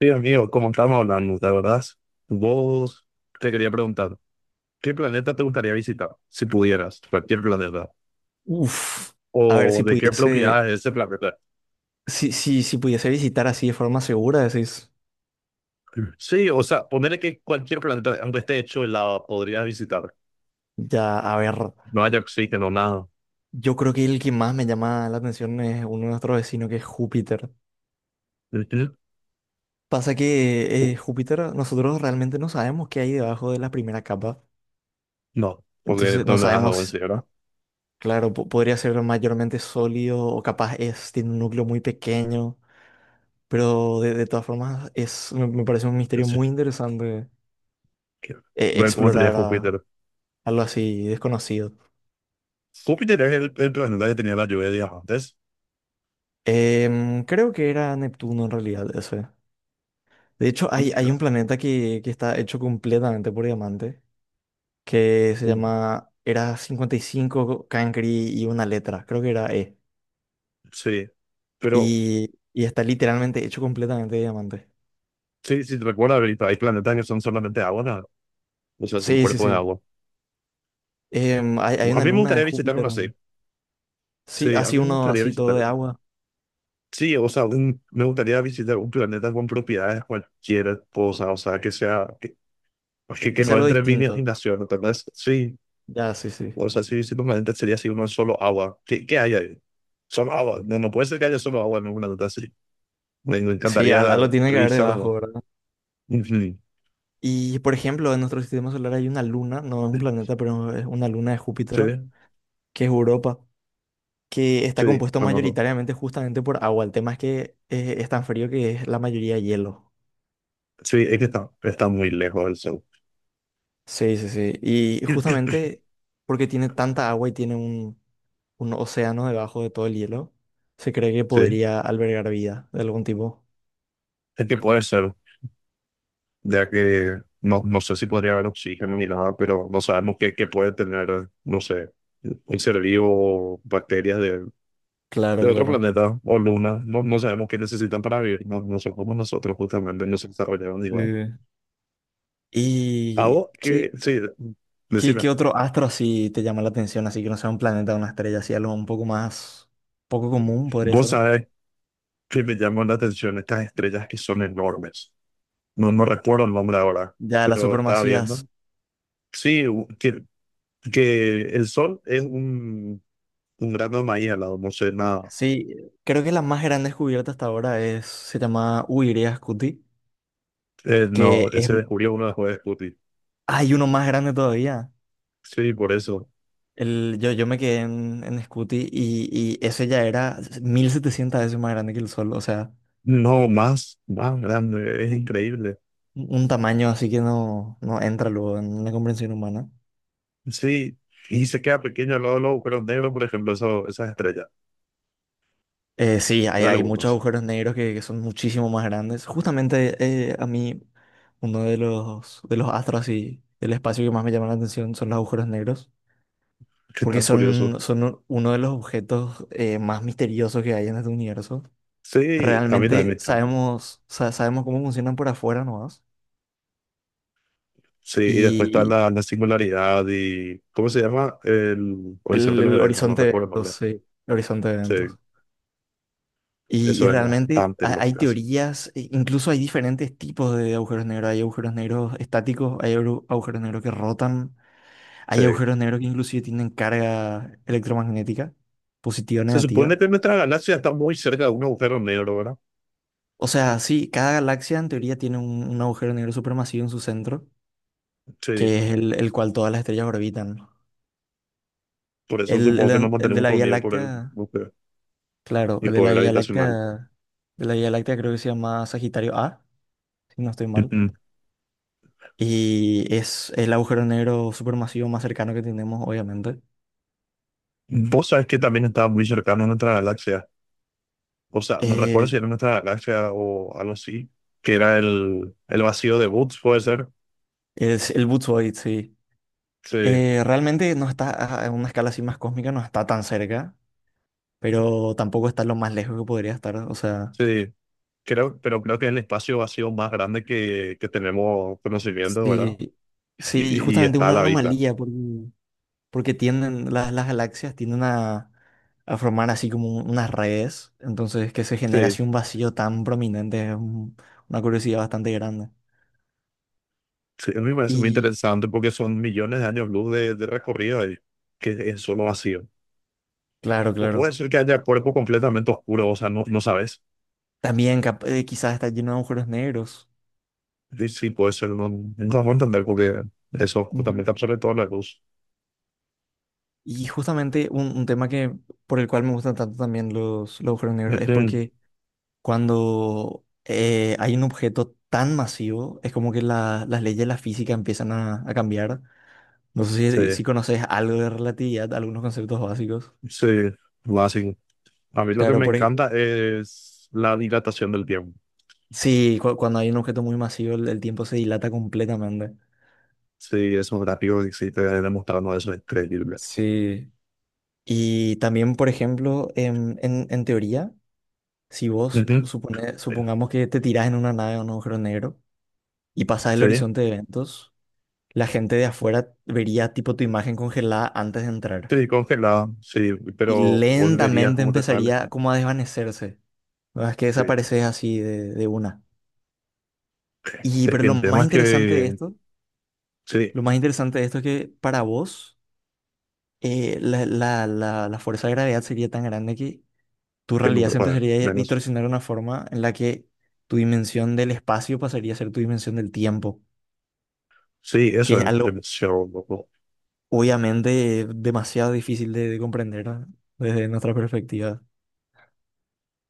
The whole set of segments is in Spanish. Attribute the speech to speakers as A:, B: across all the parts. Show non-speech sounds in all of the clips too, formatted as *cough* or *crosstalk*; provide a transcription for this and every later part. A: Sí, amigo, como estábamos hablando, ¿te acordás? Vos te quería preguntar, ¿qué planeta te gustaría visitar si pudieras? Cualquier planeta.
B: Uf, a ver
A: ¿O
B: si
A: de qué
B: pudiese,
A: propiedad es ese planeta?
B: si pudiese visitar así de forma segura, decís,
A: Sí, o sea, ponerle que cualquier planeta, aunque esté hecho de lava, podrías visitar.
B: ya, a ver,
A: No haya oxígeno, nada.
B: yo creo que el que más me llama la atención es uno de nuestros vecinos, que es Júpiter. Pasa que Júpiter, nosotros realmente no sabemos qué hay debajo de la primera capa,
A: No, porque
B: entonces no
A: no le das agua en
B: sabemos,
A: ¿verdad?
B: claro, podría ser mayormente sólido o capaz es, tiene un núcleo muy pequeño, pero de todas formas es, me parece un
A: Yo
B: misterio
A: sé
B: muy interesante
A: que- Ver *laughs* cómo sería
B: explorar
A: Júpiter.
B: algo así desconocido.
A: Júpiter es el planeta que tenía la lluvia de diamantes.
B: Creo que era Neptuno en realidad ese. De hecho,
A: Y,
B: hay un planeta que está hecho completamente por diamante, que se llama, era 55 Cancri y una letra, creo que era E.
A: sí, pero
B: Y, y está literalmente hecho completamente de diamante.
A: sí, sí, te recuerda, ahorita hay planetas que son solamente agua, nada. O sea, son
B: Sí, sí,
A: cuerpos de
B: sí.
A: agua.
B: Hay, hay
A: A
B: una
A: mí me
B: luna de
A: gustaría visitar
B: Júpiter.
A: uno así.
B: Sí,
A: Sí, a mí
B: así
A: me
B: uno,
A: gustaría
B: así
A: visitar.
B: todo de agua,
A: Sí, o sea, me gustaría visitar un planeta con propiedades cualquier cosa, o sea, que sea, que, que,
B: que
A: que
B: sea
A: no
B: algo
A: entre en mi
B: distinto.
A: imaginación, ¿entendés? Sí,
B: Ya, sí, sí.
A: o sea, sí, sí, planeta sería así uno solo agua. ¿Qué, qué hay ahí? Solo agua. No, no puede ser que haya solo agua en un planeta así. Me
B: Sí,
A: encantaría
B: algo tiene que haber debajo,
A: revisarlo.
B: ¿verdad?
A: Ujú.
B: Y por ejemplo, en nuestro sistema solar hay una luna, no es un planeta, pero es una luna de Júpiter
A: Sí,
B: que es Europa, que está
A: sí,
B: compuesto
A: conozco.
B: mayoritariamente justamente por agua. El tema es que es tan frío que es la mayoría de hielo.
A: Sí, es que está, está muy lejos del sol.
B: Sí, sí, sí. Y
A: *clears throat* *laughs*
B: justamente porque tiene tanta agua y tiene un océano debajo de todo el hielo, se cree que
A: Sí.
B: podría albergar vida de algún tipo.
A: Es que puede ser, ya que no, no sé si podría haber oxígeno ni nada, pero no sabemos qué, qué puede tener, no sé, un ser vivo, bacterias
B: Claro,
A: de otro
B: claro.
A: planeta o luna. No, no sabemos qué necesitan para vivir. No, no somos nosotros, justamente, no se desarrollaron
B: Sí.
A: igual. A
B: ¿Y
A: vos, que,
B: qué,
A: sí, decime,
B: qué otro astro así te llama la atención? Así que no sea un planeta o una estrella, así algo un poco más, poco común podría
A: vos
B: ser, ¿no?
A: sabés que me llaman la atención estas estrellas que son enormes. No, no recuerdo el nombre ahora,
B: Ya las
A: pero estaba viendo.
B: supermasivas.
A: Sí, que el Sol es un grano de maíz al lado, no sé nada.
B: Sí, creo que la más grande descubierta hasta ahora es, se llama Uiria Scuti,
A: No,
B: que es,
A: ese descubrió uno de Scooby.
B: hay uno más grande todavía.
A: Sí, por eso.
B: El, yo me quedé en Scuti y ese ya era 1.700 veces más grande que el Sol, o sea,
A: No, más, más grande, es
B: u-
A: increíble.
B: un tamaño así que no, no entra luego en la comprensión humana.
A: Sí, y se queda pequeño al lado de los agujeros negros, por ejemplo, eso, esas estrellas.
B: Sí, hay,
A: Son
B: hay muchos
A: algunos,
B: agujeros negros que son muchísimo más grandes. Justamente eh, a mí, uno de los astros y del espacio que más me llama la atención son los agujeros negros,
A: que
B: porque
A: están curiosos.
B: son, son uno de los objetos más misteriosos que hay en este universo.
A: Sí, a mí también me
B: Realmente
A: encantan.
B: sabemos, sabemos cómo funcionan por afuera nomás.
A: Sí, y después está
B: Y
A: la singularidad y. ¿Cómo se llama? El horizonte de los
B: el
A: eventos, no
B: horizonte de
A: recuerdo el
B: eventos,
A: nombre.
B: sí, el horizonte de
A: Sí,
B: eventos. Y
A: eso es
B: realmente
A: bastante
B: hay
A: loco.
B: teorías, e incluso hay diferentes tipos de agujeros negros. Hay agujeros negros estáticos, hay agujeros negros que rotan, hay
A: Sí.
B: agujeros negros que inclusive tienen carga electromagnética, positiva o
A: Se
B: negativa.
A: supone que nuestra galaxia está muy cerca de un agujero negro, ¿verdad?
B: O sea, sí, cada galaxia en teoría tiene un agujero negro supermasivo en su centro,
A: Sí.
B: que es el cual todas las estrellas orbitan.
A: Por eso
B: El,
A: supongo que nos
B: el de
A: mantenemos
B: la
A: todos
B: Vía
A: unidos por el.
B: Láctea, claro,
A: Y
B: el de la
A: poder
B: Vía
A: habitacional.
B: Láctea, de la Vía Láctea, creo que se llama Sagitario A, si no estoy mal.
A: Ujú.
B: Y es el agujero negro supermasivo más cercano que tenemos, obviamente.
A: Vos sabés que también estaba muy cercano a nuestra galaxia. O sea, no recuerdo
B: Eh,
A: si era nuestra galaxia o algo así, que era el vacío de Boots, puede ser.
B: es el Boots Void, sí.
A: Sí,
B: Realmente no está a una escala así más cósmica, no está tan cerca, pero tampoco está lo más lejos que podría estar. O sea.
A: sí. Creo, pero creo que es el espacio vacío más grande que tenemos conocimiento, ¿verdad?
B: Sí, sí, y
A: Y
B: justamente
A: está a
B: una
A: la vista.
B: anomalía porque, porque tienden, las galaxias tienden a formar así como unas redes, entonces que se genera
A: Sí,
B: así un vacío tan prominente es una curiosidad bastante grande.
A: sí, a mí me parece muy
B: Y
A: interesante porque son millones de años luz de recorrido ahí, que es solo vacío.
B: claro,
A: O puede
B: claro,
A: ser que haya cuerpo completamente oscuro, o sea, no, no sabes.
B: también quizás está lleno de agujeros negros.
A: Sí, sí, puede ser, no, no puedo entender porque eso
B: Ujú.
A: justamente absorbe toda la luz.
B: Y justamente un tema que por el cual me gustan tanto también los agujeros negros es
A: Ujú.
B: porque cuando hay un objeto tan masivo, es como que las leyes de la física empiezan a cambiar. No sé
A: Sí,
B: si, si conoces algo de relatividad, algunos conceptos básicos.
A: sí, va así. A mí lo que
B: Claro,
A: me encanta es la dilatación del tiempo.
B: sí, cuando hay un objeto muy masivo, el tiempo se dilata completamente.
A: Sí, es un gráfico que sí te demostrando eso, es increíble.
B: Sí, y también, por ejemplo, en teoría, si vos
A: Ujú.
B: supongamos que te tirás en una nave o un agujero negro y pasás el
A: Sí,
B: horizonte de eventos, la gente de afuera vería tipo tu imagen congelada antes de entrar
A: sí, congelado, sí,
B: y
A: pero volverías
B: lentamente
A: como te sale.
B: empezaría como a desvanecerse. ¿Verdad? Es que
A: Sí,
B: desapareces así de una. Y
A: sí,
B: pero lo
A: el
B: más
A: tema es
B: interesante de
A: que,
B: esto,
A: sí,
B: lo más interesante de esto es que para vos la fuerza de gravedad sería tan grande que tu
A: tengo
B: realidad
A: que
B: se empezaría a
A: menos.
B: distorsionar de una forma en la que tu dimensión del espacio pasaría a ser tu dimensión del tiempo,
A: Sí,
B: que
A: eso
B: es
A: es
B: algo
A: el show, loco.
B: obviamente demasiado difícil de comprender, ¿no? Desde nuestra perspectiva.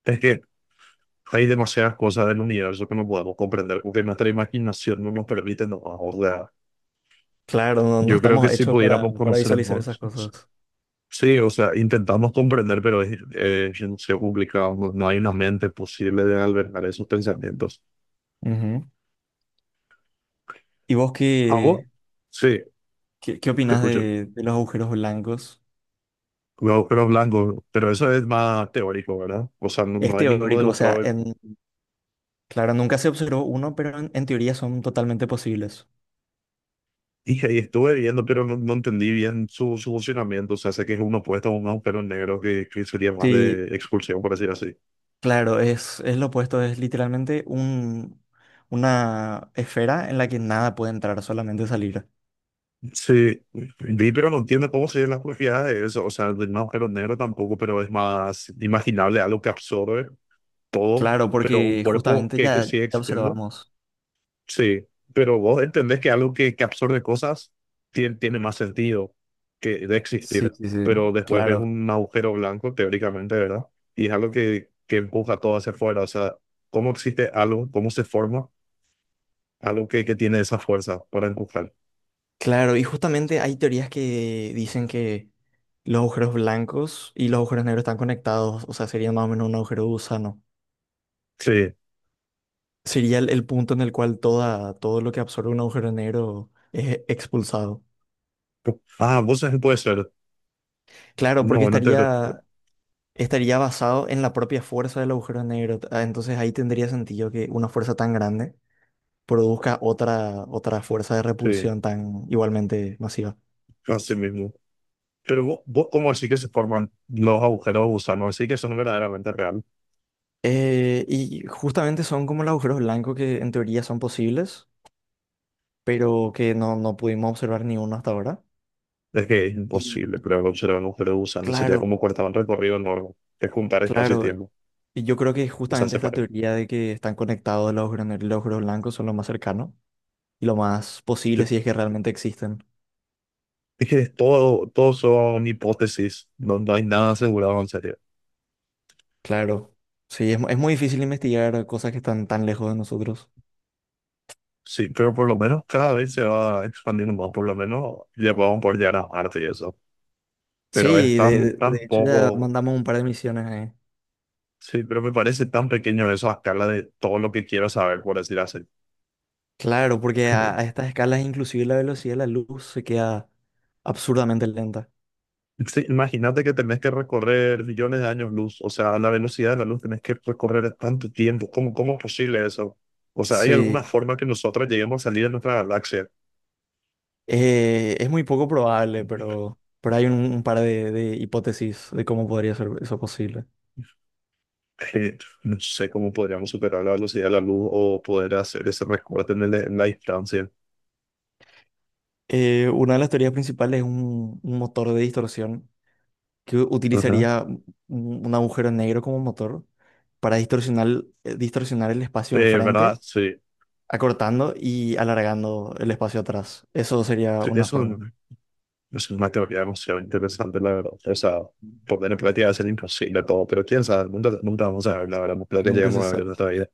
A: Es que hay demasiadas cosas del universo que no podemos comprender, porque nuestra imaginación no nos permite nada. O sea,
B: Claro, no, no
A: yo creo que
B: estamos
A: si
B: hechos
A: pudiéramos
B: para
A: conocer el
B: visualizar
A: mundo,
B: esas cosas.
A: sí, o sea, intentamos comprender, pero es complicado. No no hay una mente posible de albergar esos pensamientos.
B: Ujú. ¿Y vos
A: ¿A vos?
B: qué,
A: Sí,
B: qué
A: te
B: opinás
A: escucho.
B: de los agujeros blancos?
A: Los pero blanco, pero eso es más teórico, ¿verdad? O sea, no,
B: Es
A: no hay ninguno
B: teórico, o sea,
A: demostrado.
B: en, claro, nunca se observó uno, pero en teoría son totalmente posibles.
A: Dije, y estuve viendo, pero no, no entendí bien su, su funcionamiento. O sea, sé que es uno opuesto a un agujero negro que sería más
B: Sí,
A: de expulsión, por decir así.
B: claro, es lo opuesto, es literalmente una esfera en la que nada puede entrar, solamente salir.
A: Sí, vi, pero no entiendo cómo serían las propiedades de eso. O sea, de un agujero negro tampoco, pero es más imaginable algo que absorbe todo,
B: Claro,
A: pero un
B: porque
A: cuerpo
B: justamente
A: que
B: ya,
A: sigue
B: ya
A: existiendo.
B: observamos.
A: Sí, pero vos entendés que algo que absorbe cosas tiene más sentido que de
B: Sí,
A: existir.
B: sí, sí.
A: Pero después ves
B: Claro,
A: un agujero blanco, teóricamente, ¿verdad? Y es algo que empuja todo hacia afuera. O sea, ¿cómo existe algo? ¿Cómo se forma algo que tiene esa fuerza para empujar?
B: claro, y justamente hay teorías que dicen que los agujeros blancos y los agujeros negros están conectados, o sea, sería más o menos un agujero de gusano.
A: Sí.
B: Sería el punto en el cual toda, todo lo que absorbe un agujero negro es expulsado.
A: Ah, vos sabés, puede ser
B: Claro,
A: una
B: porque
A: buena teoría,
B: estaría, estaría basado en la propia fuerza del agujero negro. Ah, entonces ahí tendría sentido que una fuerza tan grande produzca otra, otra fuerza de
A: sí,
B: repulsión tan igualmente masiva.
A: así mismo. Pero vos, ¿cómo decís que se forman los agujeros de gusano? Así que eso no es verdaderamente real.
B: Y justamente son como los agujeros blancos, que en teoría son posibles, pero que no, no pudimos observar ni uno hasta ahora.
A: Es que es imposible
B: Y
A: crear un agujero de gusano. Sería
B: claro,
A: como cortar un recorrido enorme, que es juntar espacio y
B: claro.
A: tiempo.
B: Y yo creo que
A: O sea,
B: justamente esta
A: separar.
B: teoría de que están conectados los agujeros y los agujeros blancos son lo más cercano y lo más posible,
A: Sí.
B: si es que realmente existen.
A: Es que es todo, todo son hipótesis, no, no hay nada asegurado en serio.
B: Claro. Sí, es, es muy difícil investigar cosas que están tan lejos de nosotros.
A: Sí, pero por lo menos cada vez se va expandiendo más, por lo menos ya podemos por llegar a Marte y eso. Pero es
B: Sí, de,
A: tan,
B: de
A: tan
B: hecho ya
A: poco.
B: mandamos un par de misiones ahí.
A: Sí, pero me parece tan pequeño eso a escala de todo lo que quiero saber, por decir así.
B: Claro, porque a
A: *laughs*
B: estas escalas inclusive la velocidad de la luz se queda absurdamente lenta.
A: Sí, imagínate que tenés que recorrer millones de años luz, o sea, a la velocidad de la luz tenés que recorrer tanto tiempo. ¿Cómo, cómo es posible eso? O sea, ¿hay alguna
B: Sí,
A: forma que nosotros lleguemos a salir de nuestra galaxia?
B: es muy poco probable, pero hay un par de hipótesis de cómo podría ser eso posible.
A: Eh, no sé cómo podríamos superar la velocidad de la luz o poder hacer ese recorte en, en la distancia.
B: Una de las teorías principales es un motor de distorsión que
A: Ajá.
B: utilizaría un agujero negro como motor para distorsionar, distorsionar el espacio enfrente,
A: ¿Verdad? Sí.
B: acortando y alargando el espacio atrás. Eso sería
A: Sí,
B: una
A: eso
B: forma.
A: es una teoría demasiado interesante, la verdad. O sea, poner en práctica es imposible todo, pero quién sabe, nunca, nunca vamos a ver, la verdad, nunca que
B: Nunca se
A: llegamos a ver en
B: sabe.
A: nuestra vida.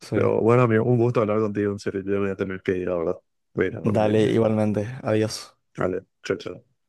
B: Sí.
A: Pero bueno, amigo, un gusto hablar contigo, en serio, yo voy a tener que ir, la verdad. Voy a ir a
B: Dale,
A: dormir.
B: igualmente. Adiós.
A: Vale, chao, chao.